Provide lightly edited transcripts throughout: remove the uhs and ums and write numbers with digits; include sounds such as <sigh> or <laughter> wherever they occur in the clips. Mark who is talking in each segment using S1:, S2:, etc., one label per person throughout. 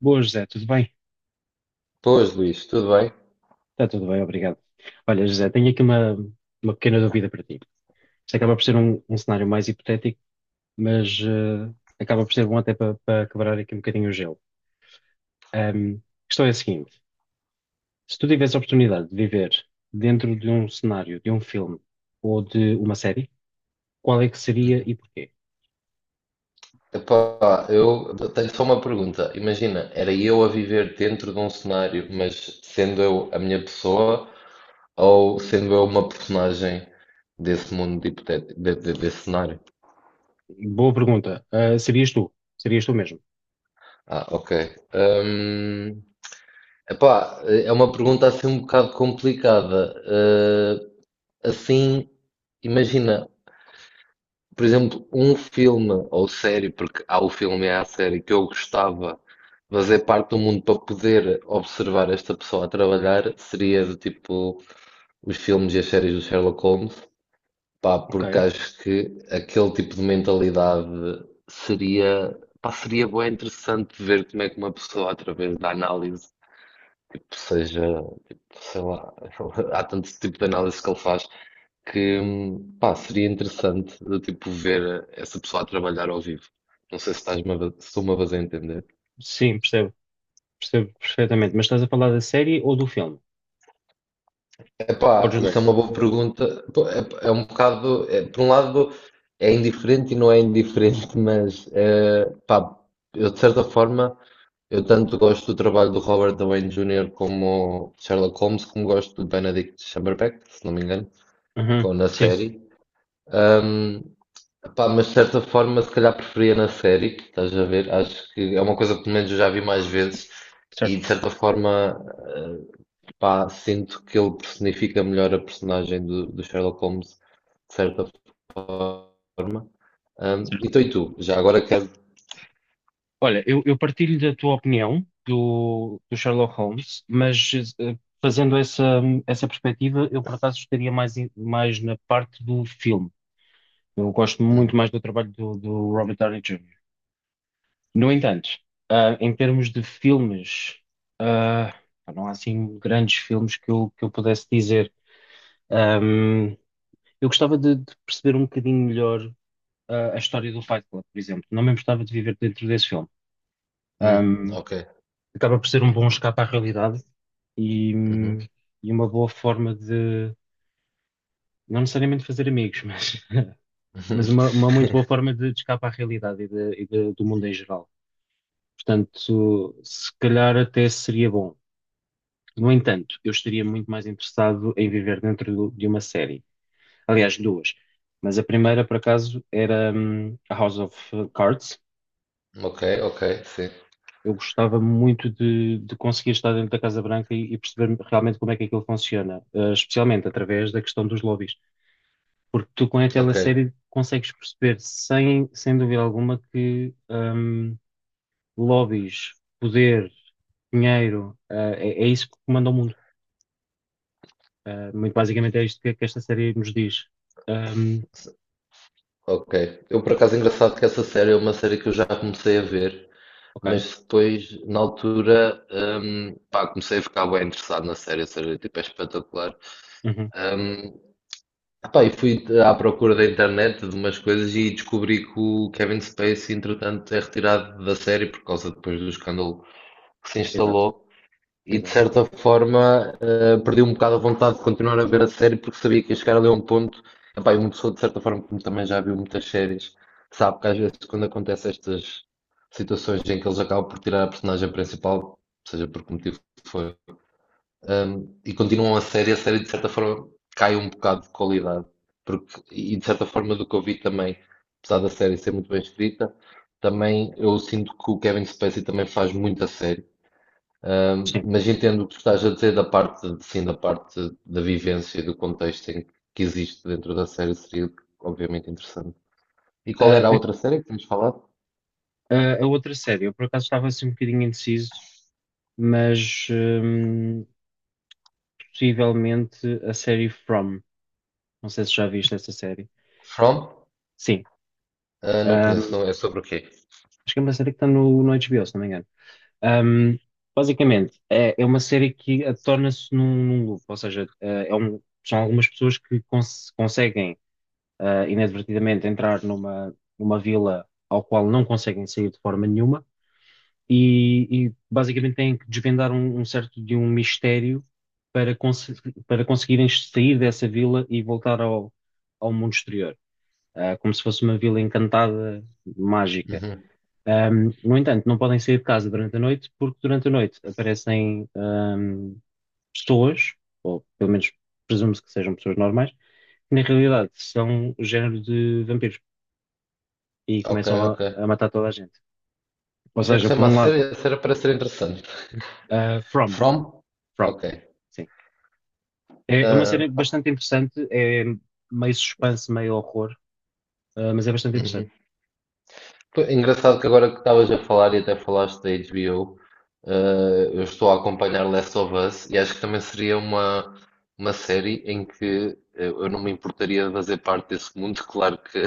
S1: Boa, José, tudo bem?
S2: Pois, Luís, tudo bem?
S1: Está tudo bem, obrigado. Olha, José, tenho aqui uma pequena dúvida para ti. Isto acaba por ser um cenário mais hipotético, mas acaba por ser bom até para quebrar aqui um bocadinho o gelo. Ahm, a questão é a seguinte: se tu tivesse a oportunidade de viver dentro de um cenário, de um filme ou de uma série, qual é que seria e
S2: Uhum.
S1: porquê?
S2: Epá, eu tenho só uma pergunta. Imagina, era eu a viver dentro de um cenário, mas sendo eu a minha pessoa ou sendo eu uma personagem desse mundo hipotético, desse cenário?
S1: Boa pergunta. Serias tu? Serias tu mesmo?
S2: Ah, ok. Hum, epá, é uma pergunta assim um bocado complicada. Assim, imagina. Por exemplo, um filme ou série, porque há o filme e há a série que eu gostava de fazer parte do mundo para poder observar esta pessoa a trabalhar, seria do tipo os filmes e as séries do Sherlock Holmes, pá, porque
S1: Ok.
S2: acho que aquele tipo de mentalidade seria, pá, seria bué interessante ver como é que uma pessoa, através da análise, tipo, seja, tipo, sei lá, <laughs> há tanto tipo de análise que ele faz, que pá, seria interessante de, tipo, ver essa pessoa a trabalhar ao vivo. Não sei se se estou-me a fazer entender.
S1: Sim, percebo. Percebo perfeitamente. Mas estás a falar da série ou do filme? Ou
S2: Epá,
S1: dos
S2: isso
S1: dois?
S2: é uma boa pergunta. Pô, é, é um bocado, é, por um lado, é indiferente e não é indiferente, <laughs> mas pá, eu de certa forma, eu tanto gosto do trabalho do Robert Downey Jr. como Sherlock Holmes, como gosto do Benedict Cumberbatch, se não me engano,
S1: Uhum.
S2: com, na
S1: Sim,
S2: série. Pá, mas de certa forma, se calhar preferia na série, estás a ver? Acho que é uma coisa que pelo menos eu já vi mais vezes e
S1: certo.
S2: de certa forma, eh, pá, sinto que ele personifica melhor a personagem do Sherlock Holmes, de certa forma.
S1: Certo.
S2: Então, e tu? Já agora quero.
S1: Olha, eu partilho da tua opinião do Sherlock Holmes, mas eh, fazendo essa perspectiva, eu por acaso estaria mais na parte do filme. Eu gosto
S2: Hum,
S1: muito mais do trabalho do Robert Downey Júnior No entanto, em termos de filmes, ah, não há assim grandes filmes que que eu pudesse dizer. Eu gostava de perceber um bocadinho melhor a história do Fight Club, por exemplo. Não me importava de viver dentro desse filme. Ahm,
S2: ok.
S1: Acaba por ser um bom escape à realidade e, hum,
S2: Uhum.
S1: e uma boa forma de, não necessariamente fazer amigos, mas, <laughs> mas uma muito boa
S2: <laughs>
S1: forma de escape à realidade e do mundo em geral. Portanto, se calhar até seria bom. No entanto, eu estaria muito mais interessado em viver dentro de uma série. Aliás, duas. Mas a primeira, por acaso, era a House of Cards.
S2: Ok, ok, sim,
S1: Eu gostava muito de conseguir estar dentro da Casa Branca e perceber realmente como é que aquilo funciona, eh, especialmente através da questão dos lobbies, porque tu com aquela
S2: ok.
S1: série consegues perceber sem dúvida alguma que lobbies, poder, dinheiro, eh, é, é isso que comanda o mundo. Eh, muito basicamente é isto que esta série nos diz. Hum,
S2: Ok. Eu, por acaso, é engraçado que essa série é uma série que eu já comecei a ver,
S1: ok,
S2: mas depois, na altura, pá, comecei a ficar bem interessado na série, a série tipo, é espetacular.
S1: uhum.
S2: Hum, Pá, e fui à procura da internet de umas coisas e descobri que o Kevin Spacey, entretanto, é retirado da série por causa depois do escândalo que se
S1: Exato,
S2: instalou. E de
S1: exato.
S2: certa forma perdi um bocado a vontade de continuar a ver a série porque sabia que ia chegar ali a um ponto. Epá, e uma pessoa, de certa forma, como também já viu muitas séries, sabe que às vezes quando acontecem estas situações em que eles acabam por tirar a personagem principal, seja por que motivo foi, e continuam a série de certa forma cai um bocado de qualidade. Porque, e de certa forma, do que eu vi também, apesar da série ser muito bem escrita, também eu sinto que o Kevin Spacey também faz muita série.
S1: Sim.
S2: Mas entendo o que tu estás a dizer da parte, sim, da parte da vivência e do contexto em que existe dentro da série seria obviamente interessante. E qual
S1: Ah,
S2: era a
S1: a,
S2: outra série que tínhamos falado?
S1: a outra série, eu por acaso estava assim um bocadinho indeciso, mas possivelmente a série From. Não sei se já viste essa série.
S2: From?
S1: Sim.
S2: Ah, não
S1: Um,
S2: conheço, não é sobre o quê?
S1: acho que é uma série que está no HBO, se não me engano. Um, basicamente, é, é uma série que torna-se num loop, ou seja, são algumas pessoas que conseguem inadvertidamente entrar numa vila ao qual não conseguem sair de forma nenhuma e basicamente têm que desvendar um certo de um mistério para, cons- para conseguirem sair dessa vila e voltar ao mundo exterior. Ah, como se fosse uma vila encantada, mágica.
S2: Uhum.
S1: No entanto, não podem sair de casa durante a noite, porque durante a noite aparecem, pessoas, ou pelo menos presume-se que sejam pessoas normais, que na realidade são o género de vampiros e
S2: Ok,
S1: começam a
S2: ok.
S1: matar toda a gente. Ou
S2: Como é que se
S1: seja, por
S2: chama
S1: um
S2: a
S1: lado,
S2: série? A série parece ser interessante.
S1: ah, From,
S2: From?
S1: From,
S2: Ok.
S1: sim. É, é uma série
S2: Ah, ok.
S1: bastante interessante, é meio suspense, meio horror, mas é bastante interessante.
S2: Uhum. Pô, é engraçado que agora que estavas a falar e até falaste da HBO, eu estou a acompanhar Last of Us e acho que também seria uma série em que eu não me importaria de fazer parte desse mundo, claro que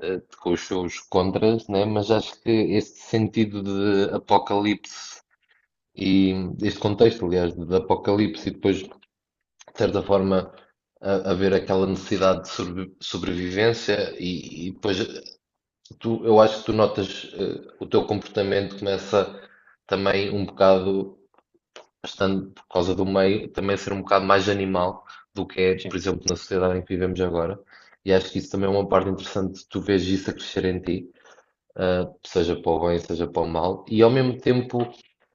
S2: com os seus contras, né? Mas acho que este sentido de apocalipse e este contexto, aliás, de apocalipse e depois, de certa forma, haver aquela necessidade de sobrevivência e depois tu, eu acho que tu notas, o teu comportamento começa também um bocado, estando por causa do meio, também a ser um bocado mais animal do que é,
S1: Sim,
S2: por exemplo, na sociedade em que vivemos agora. E acho que isso também é uma parte interessante, tu vês isso a crescer em ti seja para o bem, seja para o mal, e ao mesmo tempo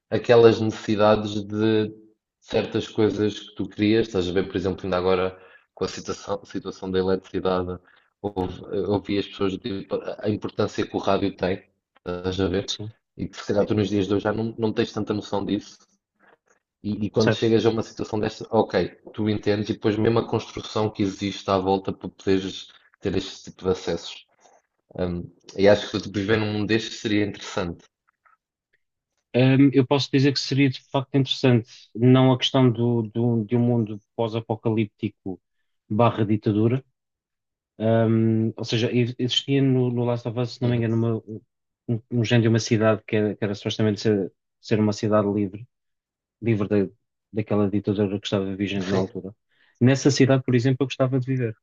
S2: aquelas necessidades de certas coisas que tu querias. Estás a ver, por exemplo, ainda agora com a situação da eletricidade, houve- ouvi as pessoas dizer a importância que o rádio tem, estás a ver?
S1: sim,
S2: E que se calhar tu nos dias de hoje já não, não tens tanta noção disso. E quando
S1: sim.
S2: chegas a uma situação desta, ok, tu entendes, e depois mesmo a construção que existe à volta para poderes ter este tipo de acessos. Um, e acho que se eu depois viver num mundo deste seria interessante.
S1: Eu posso dizer que seria de facto interessante, não a questão de um mundo pós-apocalíptico barra ditadura. Ou seja, existia no Last of Us, se não me
S2: Uhum.
S1: engano, um género de uma cidade que era supostamente ser uma cidade livre, livre da daquela ditadura que estava vigente na
S2: Sim.
S1: altura. Nessa cidade, por exemplo, eu gostava de viver.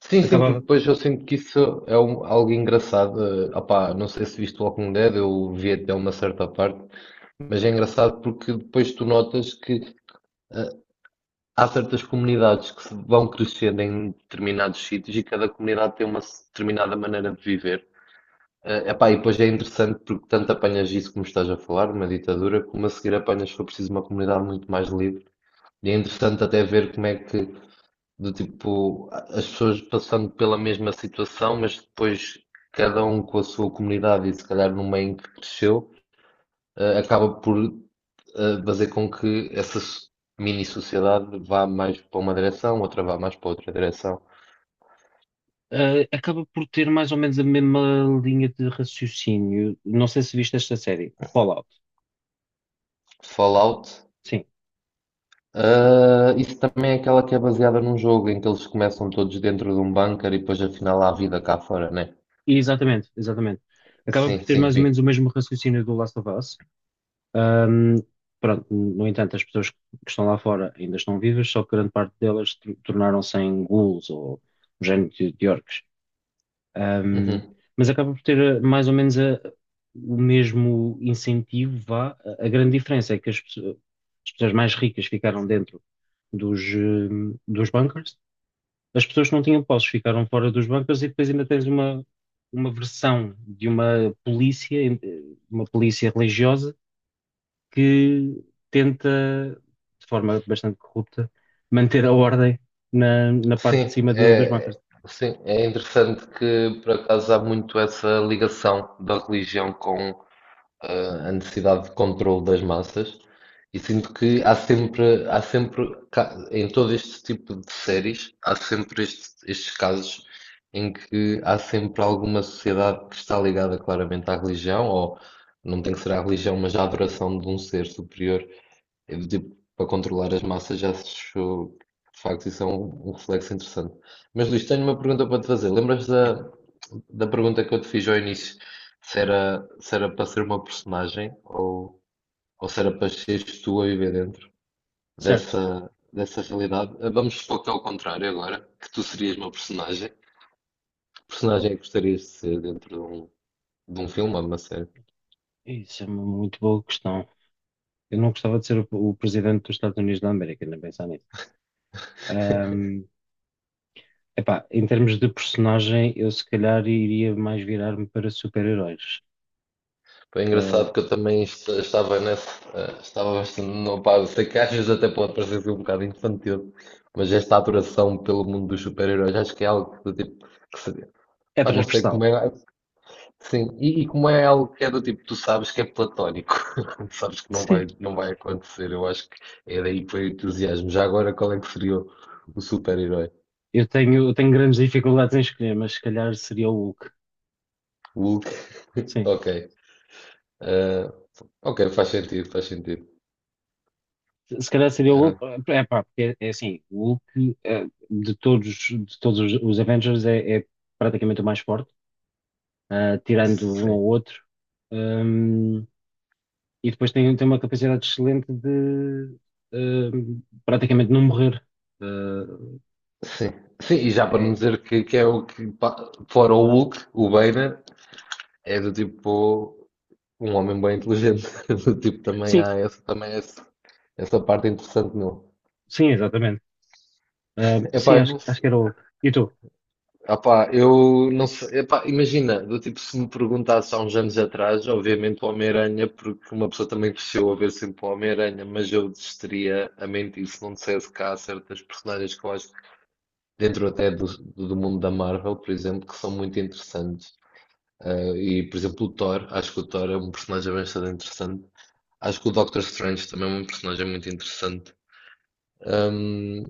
S2: Sim, sim, porque
S1: Acabava,
S2: depois eu sinto que isso é algo engraçado. Ah, opá, não sei se viste o Walking Dead, eu vi até uma certa parte, mas é engraçado porque depois tu notas que eh, há certas comunidades que se vão crescendo em determinados sítios e cada comunidade tem uma determinada maneira de viver. Ah, epá, e depois é interessante porque tanto apanhas isso como estás a falar, uma ditadura, como a seguir apanhas, se for preciso, uma comunidade muito mais livre. E é interessante até ver como é que. Do tipo, as pessoas passando pela mesma situação, mas depois cada um com a sua comunidade e se calhar no meio em que cresceu, acaba por fazer com que essa mini sociedade vá mais para uma direção, outra vá mais para outra direção.
S1: acaba por ter mais ou menos a mesma linha de raciocínio. Não sei se viste esta série, Fallout.
S2: Fallout,
S1: Sim.
S2: isso também é aquela que é baseada num jogo em que eles começam todos dentro de um bunker e depois afinal há vida cá fora, né?
S1: Exatamente, exatamente. Acaba por
S2: Sim,
S1: ter
S2: sim,
S1: mais ou
S2: vi.
S1: menos o mesmo raciocínio do Last of Us. Ahm, Pronto, no entanto, as pessoas que estão lá fora ainda estão vivas, só que grande parte delas tornaram-se em ghouls ou um género de orcs. Ahm,
S2: Uhum.
S1: mas acaba por ter mais ou menos o mesmo incentivo, vá. A grande diferença é que as pessoas mais ricas ficaram dentro dos bunkers, as pessoas que não tinham posses ficaram fora dos bancos e depois ainda tens uma versão de uma polícia religiosa, que tenta, de forma bastante corrupta, manter a ordem na parte de
S2: Sim,
S1: cima dos
S2: é,
S1: bancos.
S2: sim, é interessante que por acaso há muito essa ligação da religião com a necessidade de controle das massas e sinto que há sempre em todo este tipo de séries, há sempre estes casos em que há sempre alguma sociedade que está ligada claramente à religião ou não tem que ser à religião, mas à adoração de um ser superior eu, do tipo, para controlar as massas já acho que de facto isso é um, um reflexo interessante. Mas Luís, tenho uma pergunta para te fazer. Lembras
S1: É,
S2: da, da pergunta que eu te fiz ao início? Se era, se era para ser uma personagem ou se era para seres tu a viver dentro
S1: certo,
S2: dessa, dessa realidade? Vamos supor que é ao contrário agora, que tu serias uma personagem. Que personagem é que gostarias de ser dentro de um filme ou de uma série?
S1: isso é uma muito boa questão. Eu não gostava de ser o presidente dos Estados Unidos da América, nem pensar nisso. Ahm, Epá, em termos de personagem, eu se calhar iria mais virar-me para super-heróis.
S2: Foi
S1: Ah,
S2: engraçado que eu também estava nesse, estava bastante, não, pá, eu sei que às vezes até pode parecer ser um bocado infantil, mas esta adoração pelo mundo dos super-heróis acho que é algo que, do tipo, que se,
S1: é
S2: pá, não sei
S1: transversal.
S2: como é, sim, e como é algo que é do tipo, tu sabes que é platónico, <laughs> sabes que não vai,
S1: Sim.
S2: não vai acontecer, eu acho que é daí que foi o entusiasmo. Já agora, qual é que seria o super-herói?
S1: Eu tenho grandes dificuldades em escolher, mas se calhar seria o Hulk.
S2: Hulk? <laughs>
S1: Sim.
S2: Ok. Eh, ok, faz sentido, faz sentido.
S1: Se calhar seria o
S2: Eh,
S1: Hulk. É pá, porque é, é assim, o Hulk de todos os Avengers é, é praticamente o mais forte, tirando um
S2: sim.
S1: ou outro. Ahm, e depois tem, tem uma capacidade excelente de praticamente não morrer.
S2: Sim, sim, e
S1: Ah,
S2: já para não
S1: é-
S2: dizer que é o que, pá, fora o Hulk, o Banner, é do tipo um homem bem inteligente, <laughs> do tipo também
S1: sim,
S2: há essa, também essa parte interessante nele.
S1: sim, exatamente. Sim,
S2: Epá, eu
S1: acho,
S2: não
S1: acho que
S2: sei,
S1: era o Hulk. E tu?
S2: epá, eu não sei, epá, imagina, do tipo se me perguntasse há uns anos atrás, obviamente o Homem-Aranha, porque uma pessoa também cresceu a ver sempre o Homem-Aranha, mas eu desistiria a mentir se não dissesse que há certas personagens que eu acho que dentro até do, do mundo da Marvel, por exemplo, que são muito interessantes. E, por exemplo, o Thor, acho que o Thor é um personagem bastante interessante. Acho que o Doctor Strange também é um personagem muito interessante. Hum,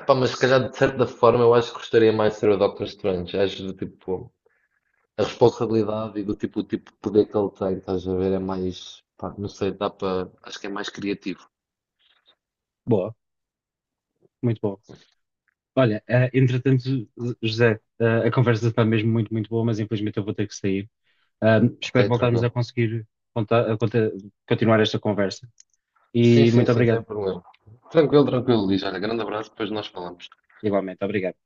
S2: Epá, mas se calhar, de certa forma, eu acho que gostaria mais de ser o Doctor Strange. Acho do tipo, a responsabilidade e do tipo, o tipo de poder que ele tem, estás a ver, é mais, pá, não sei, dá para, acho que é mais criativo.
S1: Boa, muito boa. Olha, entretanto, José, a conversa está mesmo muito, muito boa, mas infelizmente eu vou ter que sair. Espero
S2: Ok,
S1: voltarmos a
S2: tranquilo.
S1: conseguir contar- a conta- continuar esta conversa.
S2: Sim,
S1: E
S2: sim,
S1: muito
S2: sim, sem
S1: obrigado.
S2: problema. Tranquilo, tranquilo, Luís. Olha, grande abraço, depois nós falamos.
S1: Igualmente, obrigado.